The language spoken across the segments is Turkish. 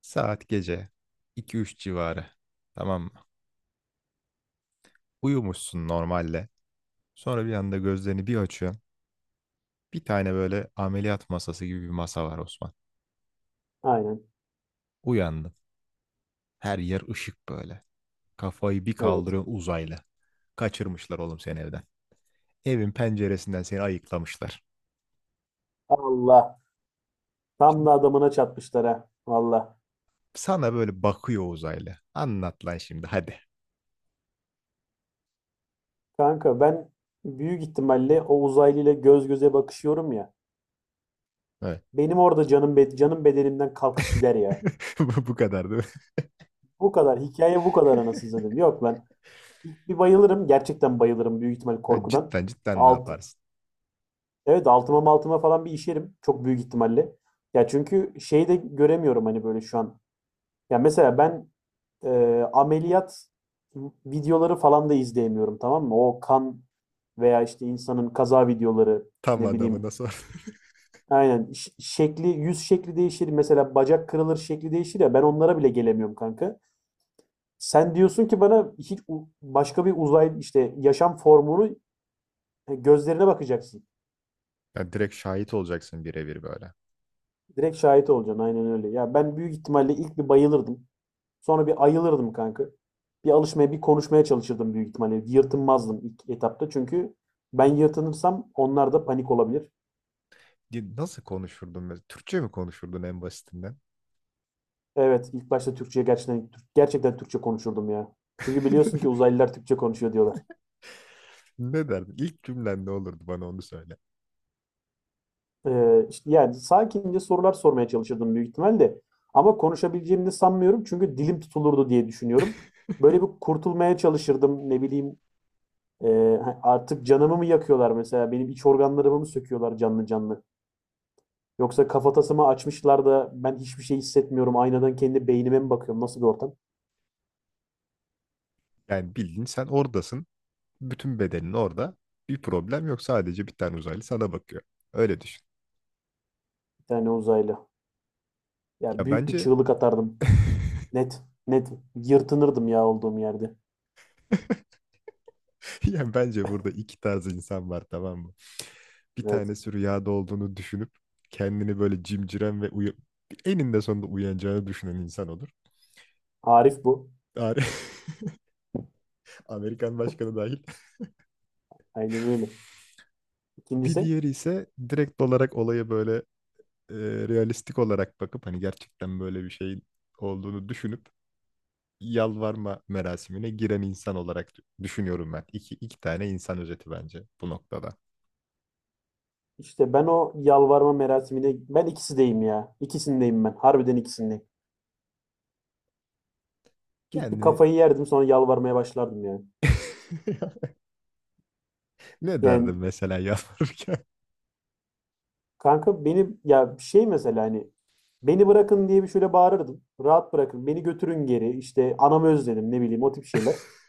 Saat gece iki üç civarı. Tamam mı? Uyumuşsun normalde. Sonra bir anda gözlerini bir açıyorsun. Bir tane böyle ameliyat masası gibi bir masa var Osman. Aynen. Uyandın. Her yer ışık böyle. Kafayı bir Evet. kaldırıyorsun uzaylı. Kaçırmışlar oğlum seni evden. Evin penceresinden seni ayıklamışlar. Allah. Tam Şimdi da adamına çatmışlar ha. Valla. sana böyle bakıyor uzaylı. Anlat lan şimdi hadi. Kanka ben büyük ihtimalle o uzaylıyla göz göze bakışıyorum ya. Evet. Benim orada canım canım bedenimden kalkıp gider ya. Bu kadar değil Bu kadar. Hikaye bu kadar mi? anasını satayım. Yok lan. İlk bir bayılırım. Gerçekten bayılırım büyük ihtimal Ya korkudan. cidden cidden ne Alt, yaparsın? evet, altıma maltıma falan bir işerim. Çok büyük ihtimalle. Ya çünkü şeyi de göremiyorum hani böyle şu an. Ya mesela ben ameliyat videoları falan da izleyemiyorum, tamam mı? O kan veya işte insanın kaza videoları, Tam ne bileyim. adamına sor. Aynen şekli, yüz şekli değişir, mesela bacak kırılır, şekli değişir ya, ben onlara bile gelemiyorum kanka. Sen diyorsun ki bana hiç başka bir uzay işte yaşam formunu gözlerine bakacaksın. Ya direkt şahit olacaksın birebir böyle. Direkt şahit olacaksın, aynen öyle. Ya ben büyük ihtimalle ilk bir bayılırdım. Sonra bir ayılırdım kanka. Bir alışmaya, bir konuşmaya çalışırdım büyük ihtimalle. Yırtınmazdım ilk etapta, çünkü ben yırtınırsam onlar da panik olabilir. Ya nasıl konuşurdun mesela? Türkçe mi konuşurdun en basitinden? Evet, ilk başta Türkçe'ye gerçekten gerçekten Türkçe konuşurdum ya. Çünkü biliyorsun ki uzaylılar Türkçe konuşuyor diyorlar. Ne derdin? İlk cümlen ne olurdu, bana onu söyle. İşte yani sakince sorular sormaya çalışırdım büyük ihtimalle. Ama konuşabileceğimi de sanmıyorum, çünkü dilim tutulurdu diye düşünüyorum. Böyle bir kurtulmaya çalışırdım. Ne bileyim, artık canımı mı yakıyorlar mesela? Benim iç organlarımı mı söküyorlar canlı canlı? Yoksa kafatasımı açmışlar da ben hiçbir şey hissetmiyorum. Aynadan kendi beynime mi bakıyorum? Nasıl bir ortam? Yani bildiğin sen oradasın. Bütün bedenin orada. Bir problem yok. Sadece bir tane uzaylı sana bakıyor. Öyle düşün. Bir tane uzaylı. Ya Ya büyük bir bence çığlık atardım. Net. Net. Yırtınırdım ya olduğum yerde. ya bence burada iki tarz insan var, tamam mı? Bir Evet. tanesi rüyada olduğunu düşünüp kendini böyle cimciren ve eninde sonunda uyanacağını düşünen insan olur. Arif bu. Ar- Amerikan başkanı dahil. Aynen öyle. Bir İkincisi. diğeri ise direkt olarak olaya böyle e, realistik olarak bakıp hani gerçekten böyle bir şeyin olduğunu düşünüp yalvarma merasimine giren insan olarak düşünüyorum ben. İki tane insan özeti bence bu noktada. İşte ben o yalvarma merasimine, ben ikisindeyim ya. İkisindeyim ben. Harbiden ikisindeyim. İlk bir Kendini kafayı yerdim, sonra yalvarmaya başlardım yani. ne Yani derdin mesela yalvarırken? kanka, beni ya şey, mesela hani beni bırakın diye bir şöyle bağırırdım. Rahat bırakın, beni götürün geri. İşte anamı özledim, ne bileyim, o tip şeyler.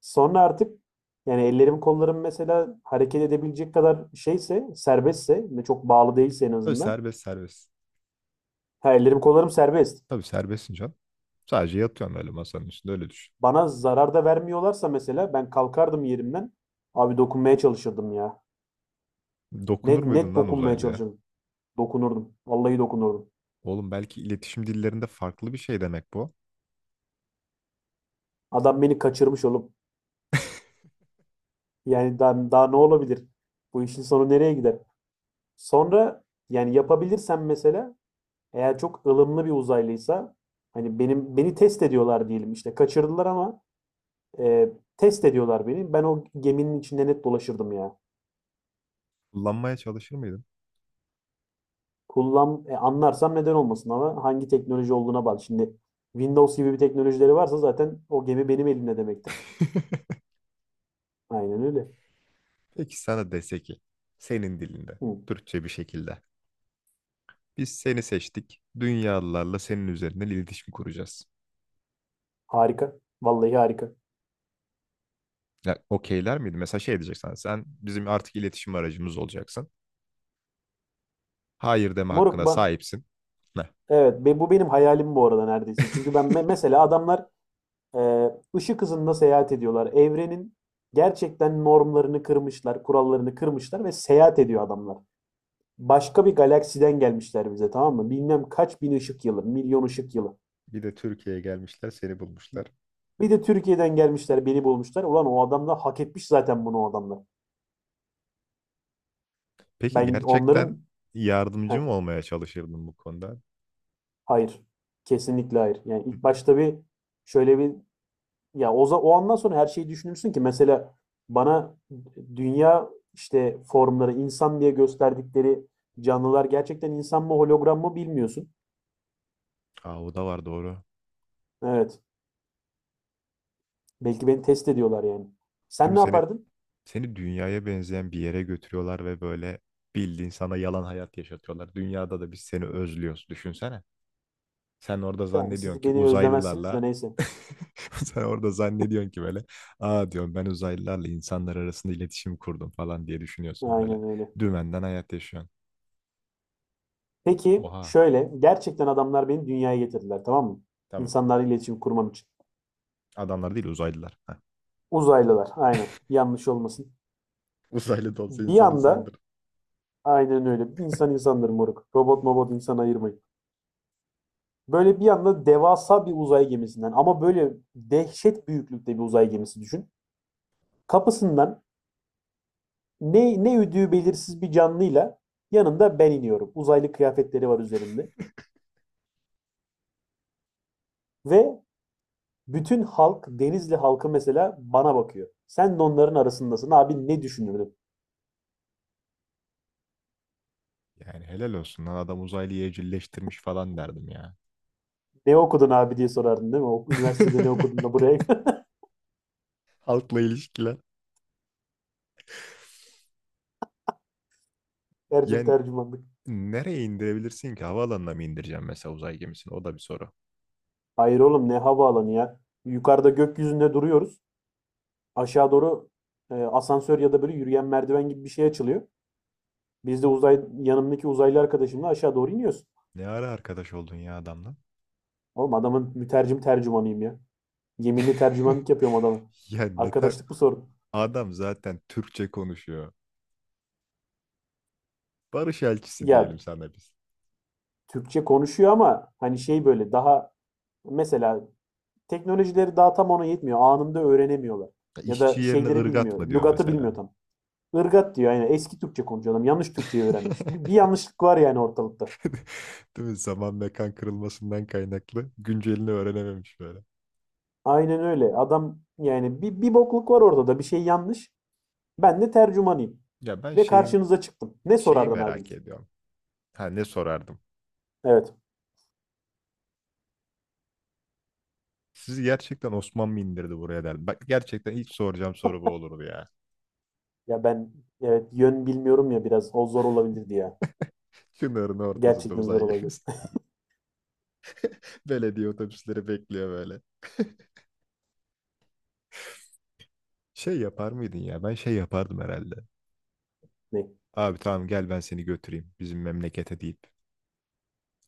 Sonra artık yani ellerim kollarım mesela hareket edebilecek kadar şeyse, serbestse ve çok bağlı değilse en Tabii azından. serbest serbest. Ha, ellerim kollarım serbest. Tabii serbestsin can. Sadece yatıyorsun öyle masanın üstünde, öyle düşün. Bana zarar da vermiyorlarsa mesela, ben kalkardım yerimden. Abi dokunmaya çalışırdım ya. Dokunur Net muydun net lan dokunmaya uzaylıya? çalışırdım. Dokunurdum. Vallahi dokunurdum. Oğlum belki iletişim dillerinde farklı bir şey demek bu. Adam beni kaçırmış oğlum. Yani daha, daha ne olabilir? Bu işin sonu nereye gider? Sonra yani yapabilirsem mesela, eğer çok ılımlı bir uzaylıysa, hani benim, beni test ediyorlar diyelim, işte kaçırdılar ama test ediyorlar beni. Ben o geminin içinde net dolaşırdım ya. Kullanmaya çalışır mıydın? Kullan anlarsam neden olmasın, ama hangi teknoloji olduğuna bak. Şimdi Windows gibi bir teknolojileri varsa zaten o gemi benim elimde demektir. Aynen öyle. Peki sana dese ki senin dilinde, Hı, Türkçe bir şekilde. Biz seni seçtik. Dünyalılarla senin üzerinden iletişim kuracağız. harika. Vallahi harika. Ya okeyler miydi? Mesela şey diyecek, sen bizim artık iletişim aracımız olacaksın. Hayır deme Moruk, hakkına ben sahipsin. Ne? evet bu benim hayalim bu arada neredeyse. Çünkü ben mesela adamlar Ee, ışık hızında seyahat ediyorlar. Evrenin gerçekten normlarını kırmışlar, kurallarını kırmışlar ve seyahat ediyor adamlar. Başka bir galaksiden gelmişler bize, tamam mı? Bilmem kaç bin ışık yılı, milyon ışık yılı. Bir de Türkiye'ye gelmişler, seni bulmuşlar. Bir de Türkiye'den gelmişler, beni bulmuşlar. Ulan o adamlar hak etmiş zaten bunu, o adamlar. Peki Ben gerçekten onların... Heh, yardımcı mı olmaya çalışırdın bu konuda? hayır. Kesinlikle hayır. Yani Hı hı. ilk başta bir şöyle bir... Ya o andan sonra her şeyi düşünürsün ki, mesela bana dünya işte formları, insan diye gösterdikleri canlılar gerçekten insan mı, hologram mı bilmiyorsun. Aa, o da var, doğru. Evet. Belki beni test ediyorlar yani. Değil Sen mi? ne yapardın? Seni dünyaya benzeyen bir yere götürüyorlar ve böyle bildiğin sana yalan hayat yaşatıyorlar. Dünyada da biz seni özlüyoruz. Düşünsene. Sen orada Yani zannediyorsun siz ki beni özlemezsiniz de uzaylılarla neyse. sen orada zannediyorsun ki böyle, aa diyorum ben uzaylılarla insanlar arasında iletişim kurdum falan diye düşünüyorsun böyle. Aynen öyle. Dümenden hayat yaşıyorsun. Peki Oha. şöyle, gerçekten adamlar beni dünyaya getirdiler, tamam mı? Tamam. İnsanlarla iletişim kurmam için. Adamlar değil, uzaylılar. Heh. Uzaylılar, aynen, yanlış olmasın. Uzaylı da olsa Bir insan anda insandır. aynen öyle. İnsan insandır moruk. Robot mobot, insan ayırmayın. Böyle bir anda devasa bir uzay gemisinden, ama böyle dehşet büyüklükte bir uzay gemisi düşün. Kapısından ne üdüğü belirsiz bir canlıyla, yanında ben iniyorum. Uzaylı kıyafetleri var üzerimde ve bütün halk, Denizli halkı mesela bana bakıyor. Sen de onların arasındasın abi, ne düşünürdün? Yani helal olsun lan, adam uzaylıyı evcilleştirmiş falan derdim ya. Ne okudun abi diye sorardın değil mi? O, üniversitede ne okudun da buraya Halkla ilişkiler. Yani tercümanlık. nereye indirebilirsin ki? Havaalanına mı indireceğim mesela uzay gemisini? O da bir soru. Hayır oğlum, ne havaalanı ya. Yukarıda gökyüzünde duruyoruz. Aşağı doğru asansör ya da böyle yürüyen merdiven gibi bir şey açılıyor. Biz de yanımdaki uzaylı arkadaşımla aşağı doğru iniyoruz. Ne ara arkadaş oldun ya adamla? Oğlum adamın mütercim tercümanıyım ya. Yeminli tercümanlık yapıyorum adamı. Ya ne ter... Arkadaşlık bu, sorun. Adam zaten Türkçe konuşuyor. Barış elçisi Ya diyelim sana biz. Türkçe konuşuyor, ama hani şey böyle daha, mesela teknolojileri daha tam ona yetmiyor. Anında öğrenemiyorlar. Ya İşçi da yerine şeyleri ırgat bilmiyor. mı diyor Lügatı mesela. bilmiyor tam. Irgat diyor, yani eski Türkçe konuşuyor adam. Yanlış Türkçeyi öğrenmiş. Bir yanlışlık var yani ortalıkta. Değil mi? Zaman mekan kırılmasından kaynaklı güncelini öğrenememiş böyle. Aynen öyle. Adam yani bir bokluk var ortada. Bir şey yanlış. Ben de tercümanıyım. Ya ben Ve şeyim, karşınıza çıktım. Ne şeyi sorardın abi? merak ediyorum. Ha, ne sorardım? Evet. Sizi gerçekten Osman mı indirdi buraya derdim. Bak, gerçekten ilk soracağım soru bu olurdu ya. Ya ben, evet, yön bilmiyorum ya biraz. O zor olabilirdi ya. Çınarın ortasında Gerçekten zor uzay olabilir. gemisi. Belediye otobüsleri bekliyor böyle. Şey yapar mıydın ya? Ben şey yapardım herhalde. Ne? Abi tamam, gel ben seni götüreyim bizim memlekete deyip.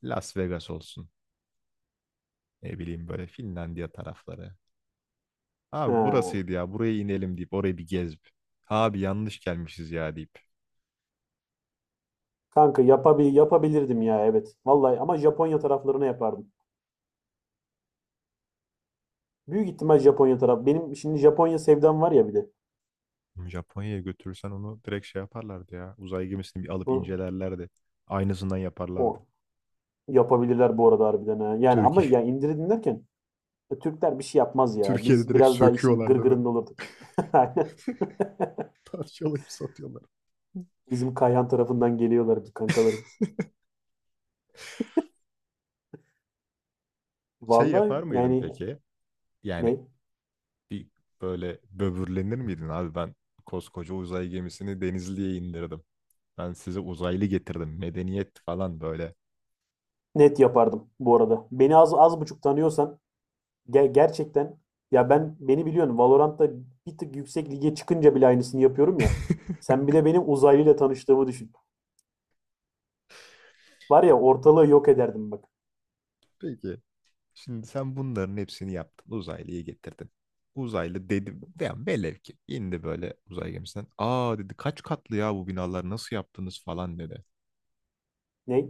Las Vegas olsun. Ne bileyim, böyle Finlandiya tarafları. Ha. Abi burasıydı ya, buraya inelim deyip orayı bir gezip. Abi yanlış gelmişiz ya deyip. Kanka yapabilirdim ya, evet. Vallahi ama Japonya taraflarına yapardım. Büyük ihtimal Japonya taraf. Benim şimdi Japonya sevdam var ya bir de. Japonya'ya götürürsen onu direkt şey yaparlardı ya. Uzay gemisini bir alıp Bu, incelerlerdi. Aynısından yaparlardı. o yapabilirler bu arada harbiden ha. Yani ama Türkiye ya, indirdin derken Türkler bir şey yapmaz ya. Türkiye'de Biz direkt biraz daha işin söküyorlardı ve gırgırında olurduk. Aynen. parçalayıp satıyorlar. Bizim Kayhan tarafından geliyorlar kankalarım. Şey Vallahi yapar mıydın yani. peki? Yani Ne? bir böyle böbürlenir miydin, abi ben koskoca uzay gemisini Denizli'ye indirdim. Ben size uzaylı getirdim. Medeniyet falan böyle. Net yapardım bu arada. Beni az buçuk tanıyorsan, gerçekten, ya ben, beni biliyorsun, Valorant'ta bir tık yüksek lige çıkınca bile aynısını yapıyorum ya. Sen bir de benim uzaylıyla tanıştığımı düşün. Var ya, ortalığı yok ederdim bak. Peki. Şimdi sen bunların hepsini yaptın. Uzaylıyı getirdin. Uzaylı dedi. Yani velev ki indi böyle uzay gemisinden. Aa dedi, kaç katlı ya bu binalar, nasıl yaptınız falan dedi. Ne?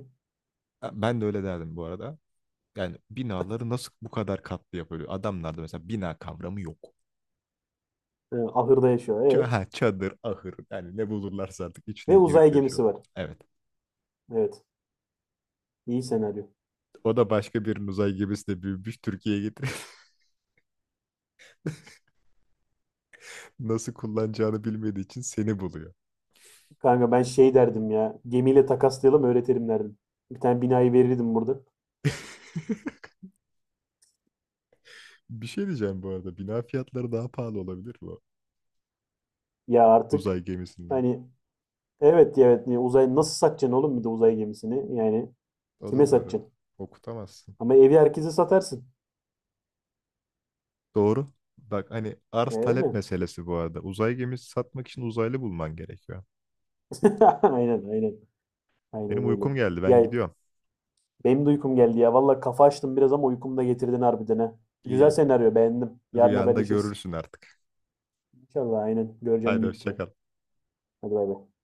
Ha, ben de öyle derdim bu arada. Yani binaları nasıl bu kadar katlı yapıyor? Adamlarda mesela bina kavramı yok. Ahırda yaşıyor. Ee? Ha, çadır, ahır, yani ne bulurlarsa artık içine Ve girip uzay yaşıyor. gemisi var. Evet. Evet. İyi senaryo. O da başka bir uzay gemisine büyümüş, Türkiye'ye getirip nasıl kullanacağını bilmediği için seni buluyor. Kanka ben şey derdim ya. Gemiyle takaslayalım, öğretirim derdim. Bir tane binayı verirdim burada. Bir şey diyeceğim bu arada. Bina fiyatları daha pahalı olabilir mi o Ya artık uzay gemisinden? hani, evet evet ya, uzay nasıl satacaksın oğlum bir de uzay gemisini? Yani O kime da doğru. satacaksın? Okutamazsın. Ama evi herkese satarsın. Doğru. Bak hani E, arz talep öyle. meselesi bu arada. Uzay gemisi satmak için uzaylı bulman gerekiyor. Aynen, aynen. Benim Aynen öyle. uykum geldi. Ben Ya gidiyorum. benim de uykum geldi ya. Valla kafa açtım biraz ama uykumu da getirdin harbiden ha. Güzel İyi. senaryo, beğendim. Yarın Rüyanda haberleşiriz. görürsün artık. İnşallah aynen. Göreceğim Haydi büyük hoşça ihtimal. kal. Hadi bay bay.